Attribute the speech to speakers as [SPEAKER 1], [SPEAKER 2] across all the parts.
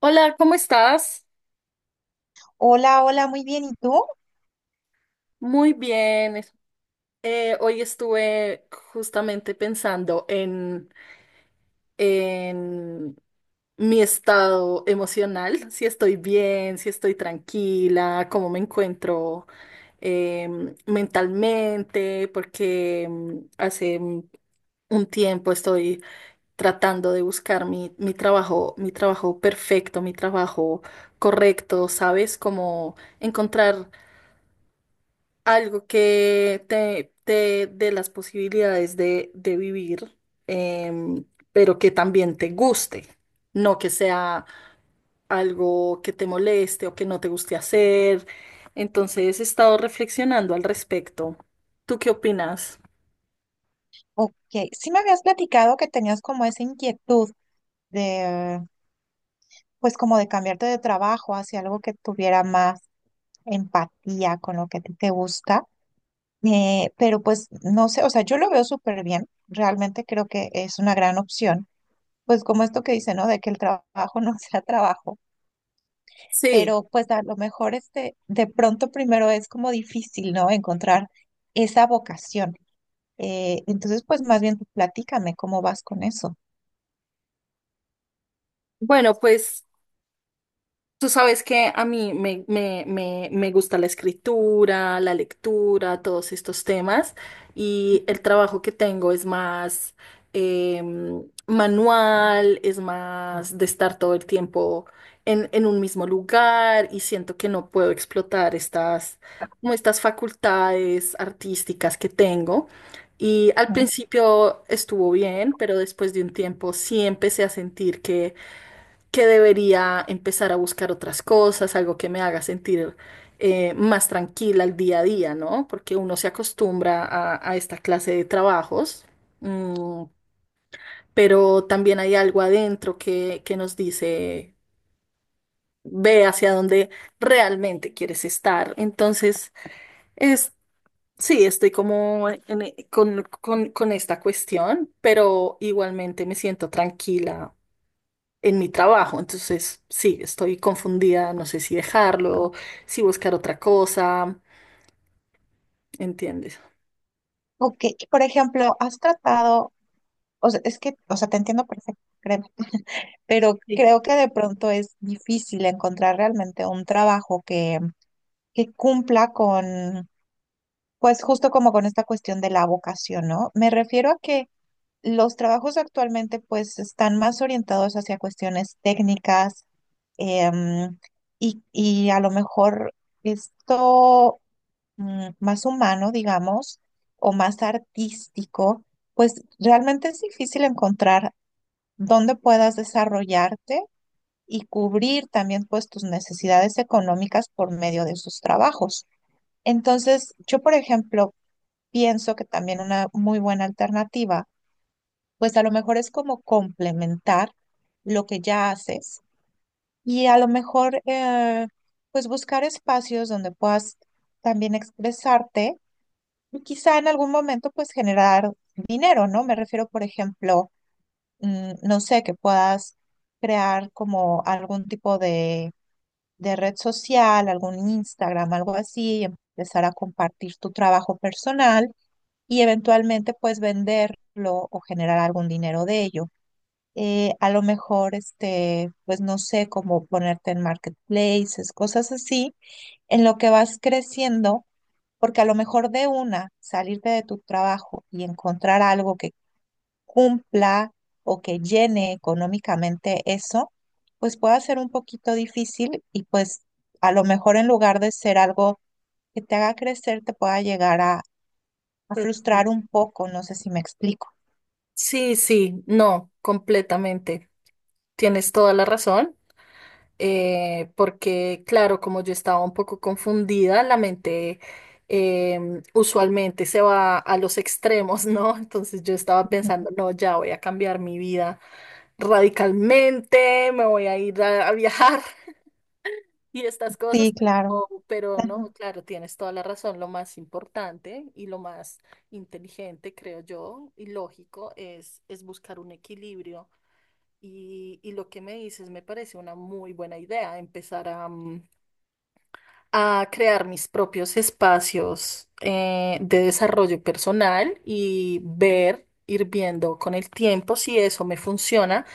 [SPEAKER 1] Hola, ¿cómo estás?
[SPEAKER 2] Hola, hola, muy bien. ¿Y tú?
[SPEAKER 1] Muy bien. Hoy estuve justamente pensando en mi estado emocional, si estoy bien, si estoy tranquila, cómo me encuentro mentalmente, porque hace un tiempo estoy tratando de buscar mi trabajo, mi trabajo perfecto, mi trabajo correcto, ¿sabes? Como encontrar algo que te dé las posibilidades de vivir, em, pero que también te guste, no que sea algo que te moleste o que no te guste hacer. Entonces he estado reflexionando al respecto. ¿Tú qué opinas?
[SPEAKER 2] Ok, sí me habías platicado que tenías como esa inquietud de, pues como de cambiarte de trabajo hacia algo que tuviera más empatía con lo que a ti te gusta. Pero pues no sé, o sea, yo lo veo súper bien. Realmente creo que es una gran opción. Pues como esto que dice, ¿no? De que el trabajo no sea trabajo.
[SPEAKER 1] Sí,
[SPEAKER 2] Pero pues a lo mejor este, de pronto primero es como difícil, ¿no? Encontrar esa vocación. Entonces, pues más bien tú platícame cómo vas con eso,
[SPEAKER 1] bueno, pues tú sabes que a mí me gusta la escritura, la lectura, todos estos temas y el trabajo que tengo es más manual, es más de estar todo el tiempo en un mismo lugar y siento que no puedo explotar estas, como estas facultades artísticas que tengo. Y al
[SPEAKER 2] ¿no?
[SPEAKER 1] principio estuvo bien, pero después de un tiempo sí empecé a sentir que debería empezar a buscar otras cosas, algo que me haga sentir más tranquila el día a día, ¿no? Porque uno se acostumbra a esta clase de trabajos, mm, pero también hay algo adentro que nos dice, ve hacia dónde realmente quieres estar. Entonces, es... Sí, estoy como con esta cuestión, pero igualmente me siento tranquila en mi trabajo. Entonces, sí, estoy confundida, no sé si dejarlo, si buscar otra cosa, ¿entiendes?
[SPEAKER 2] Ok, y por ejemplo, has tratado, o sea, es que, o sea, te entiendo perfecto, créeme, pero creo que de pronto es difícil encontrar realmente un trabajo que cumpla con, pues justo como con esta cuestión de la vocación, ¿no? Me refiero a que los trabajos actualmente pues están más orientados hacia cuestiones técnicas, em, y a lo mejor esto más humano, digamos, o más artístico, pues realmente es difícil encontrar dónde puedas desarrollarte y cubrir también pues tus necesidades económicas por medio de sus trabajos. Entonces, yo, por ejemplo, pienso que también una muy buena alternativa, pues a lo mejor es como complementar lo que ya haces y a lo mejor pues buscar espacios donde puedas también expresarte y quizá en algún momento pues generar dinero, ¿no? Me refiero, por ejemplo, no sé, que puedas crear como algún tipo de red social, algún Instagram, algo así, y empezar a compartir tu trabajo personal y eventualmente pues venderlo o generar algún dinero de ello. A lo mejor, este, pues no sé, como ponerte en marketplaces, cosas así, en lo que vas creciendo porque a lo mejor de una, salirte de tu trabajo y encontrar algo que cumpla o que llene económicamente eso, pues puede ser un poquito difícil y pues a lo mejor en lugar de ser algo que te haga crecer, te pueda llegar a
[SPEAKER 1] Perfecto.
[SPEAKER 2] frustrar un poco, no sé si me explico.
[SPEAKER 1] Sí, sí, no, completamente. Tienes toda la razón, porque claro, como yo estaba un poco confundida, la mente usualmente se va a los extremos, ¿no? Entonces yo estaba
[SPEAKER 2] Ujú.
[SPEAKER 1] pensando, no, ya voy a cambiar mi vida radicalmente, me voy a ir a viajar, y estas cosas,
[SPEAKER 2] Sí, claro.
[SPEAKER 1] pero no,
[SPEAKER 2] Ajá,
[SPEAKER 1] claro, tienes toda la razón. Lo más importante y lo más inteligente, creo yo, y lógico es buscar un equilibrio. Y lo que me dices me parece una muy buena idea, empezar a, mm, a crear mis propios espacios de desarrollo personal y ver, ir viendo con el tiempo si eso me funciona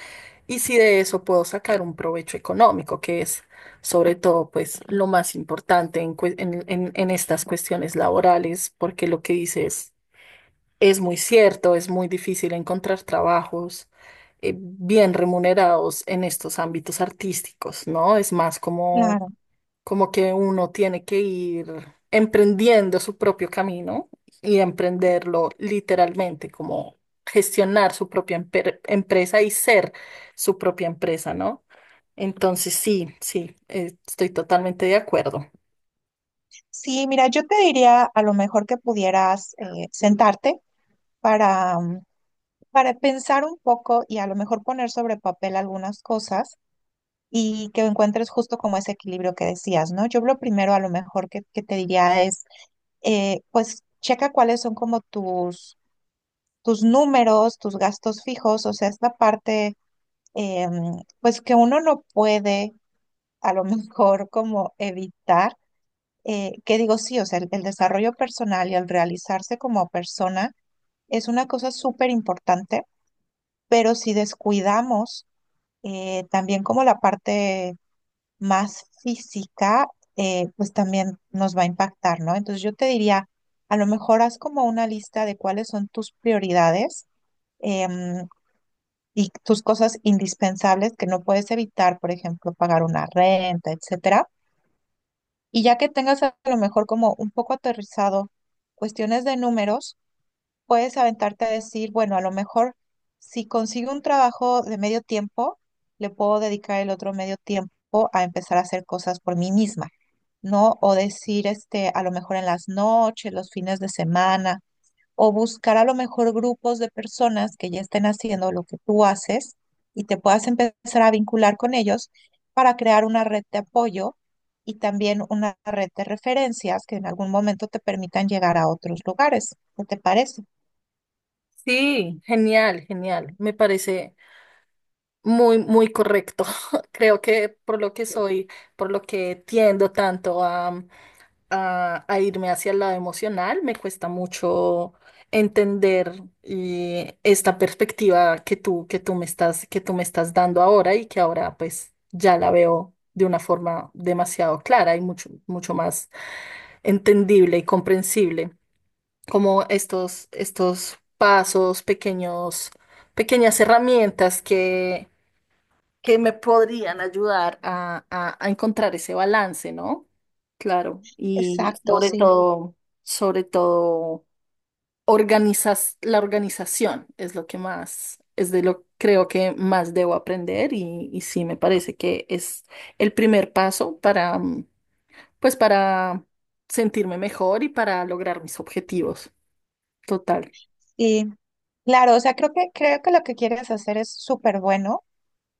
[SPEAKER 1] y si de eso puedo sacar un provecho económico, que es sobre todo pues lo más importante en, en estas cuestiones laborales, porque lo que dices es muy cierto, es muy difícil encontrar trabajos bien remunerados en estos ámbitos artísticos, ¿no? Es más como
[SPEAKER 2] claro.
[SPEAKER 1] como que uno tiene que ir emprendiendo su propio camino y emprenderlo literalmente, como gestionar su propia empresa y ser su propia empresa, ¿no? Entonces, sí, sí, estoy totalmente de acuerdo.
[SPEAKER 2] Sí, mira, yo te diría a lo mejor que pudieras sentarte para para pensar un poco y a lo mejor poner sobre papel algunas cosas y que encuentres justo como ese equilibrio que decías, ¿no? Yo lo primero a lo mejor que te diría es, pues checa cuáles son como tus números, tus gastos fijos, o sea, esta parte, eh, pues que uno no puede a lo mejor como evitar, que digo, sí, o sea, el desarrollo personal y el realizarse como persona es una cosa súper importante pero si descuidamos también como la parte más física, pues también nos va a impactar, ¿no? Entonces yo te diría, a lo mejor haz como una lista de cuáles son tus prioridades, em, y tus cosas indispensables que no puedes evitar, por ejemplo, pagar una renta, etcétera. Y ya que tengas a lo mejor como un poco aterrizado cuestiones de números, puedes aventarte a decir, bueno, a lo mejor si consigo un trabajo de medio tiempo, le puedo dedicar el otro medio tiempo a empezar a hacer cosas por mí misma, ¿no? O decir, este, a lo mejor en las noches, los fines de semana, o buscar a lo mejor grupos de personas que ya estén haciendo lo que tú haces y te puedas empezar a vincular con ellos para crear una red de apoyo y también una red de referencias que en algún momento te permitan llegar a otros lugares. ¿Qué te parece?
[SPEAKER 1] Sí, genial, genial. Me parece muy, muy correcto. Creo que por lo que soy, por lo que tiendo tanto a irme hacia el lado emocional, me cuesta mucho entender esta perspectiva que tú me estás dando ahora y que ahora pues ya la veo de una forma demasiado clara y mucho, mucho más entendible y comprensible como estos, estos pasos, pequeños, pequeñas herramientas que me podrían ayudar a, a encontrar ese balance, ¿no? Claro, y
[SPEAKER 2] Exacto, sí.
[SPEAKER 1] sobre todo, organizas, la organización es lo que más, es de lo creo que más debo aprender y sí, me parece que es el primer paso para, mm, pues para sentirme mejor y para lograr mis objetivos. Total.
[SPEAKER 2] Y claro, o sea, creo que lo que quieres hacer es súper bueno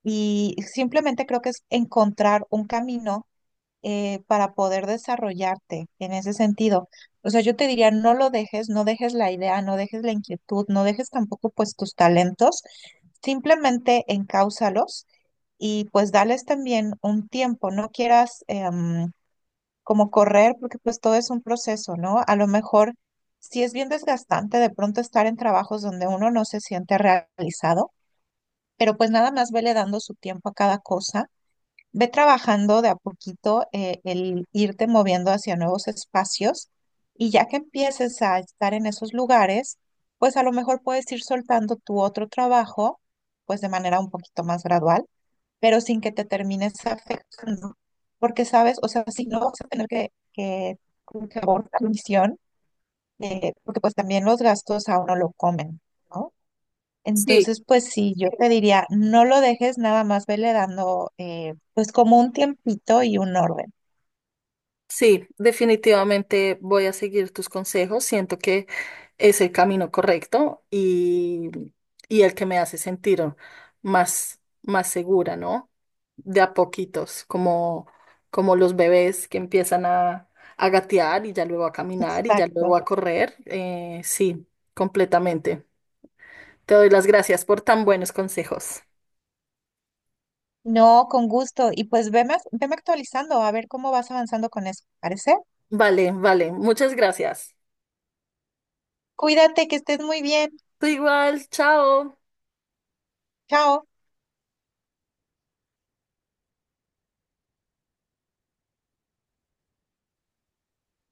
[SPEAKER 2] y simplemente creo que es encontrar un camino para poder desarrollarte en ese sentido. O sea, yo te diría, no lo dejes, no dejes la idea, no dejes la inquietud, no dejes tampoco pues tus talentos, simplemente encáusalos y pues dales también un tiempo, no quieras... em, como correr, porque pues todo es un proceso, ¿no? A lo mejor sí es bien desgastante de pronto estar en trabajos donde uno no se siente realizado, pero pues nada más vele dando su tiempo a cada cosa, ve trabajando de a poquito el irte moviendo hacia nuevos espacios y ya que empieces a estar en esos lugares, pues a lo mejor puedes ir soltando tu otro trabajo, pues de manera un poquito más gradual pero sin que te termines afectando. Porque, ¿sabes? O sea, si no vas a tener que como que abortar la misión, porque pues también los gastos a uno lo comen, ¿no?
[SPEAKER 1] Sí,
[SPEAKER 2] Entonces, pues sí, yo te diría, no lo dejes nada más, vele dando, pues como un tiempito y un orden.
[SPEAKER 1] sí, definitivamente voy a seguir tus consejos. Siento que es el camino correcto y el que me hace sentir más, más segura, ¿no? De a poquitos, como, como los bebés que empiezan a gatear y ya luego a caminar y ya luego
[SPEAKER 2] Exacto.
[SPEAKER 1] a correr. Sí, completamente. Te doy las gracias por tan buenos consejos.
[SPEAKER 2] No, con gusto. Y pues veme actualizando a ver cómo vas avanzando con eso. ¿Parece?
[SPEAKER 1] Vale, vale, muchas gracias.
[SPEAKER 2] Cuídate, que estés muy bien.
[SPEAKER 1] Tú igual, chao.
[SPEAKER 2] Chao.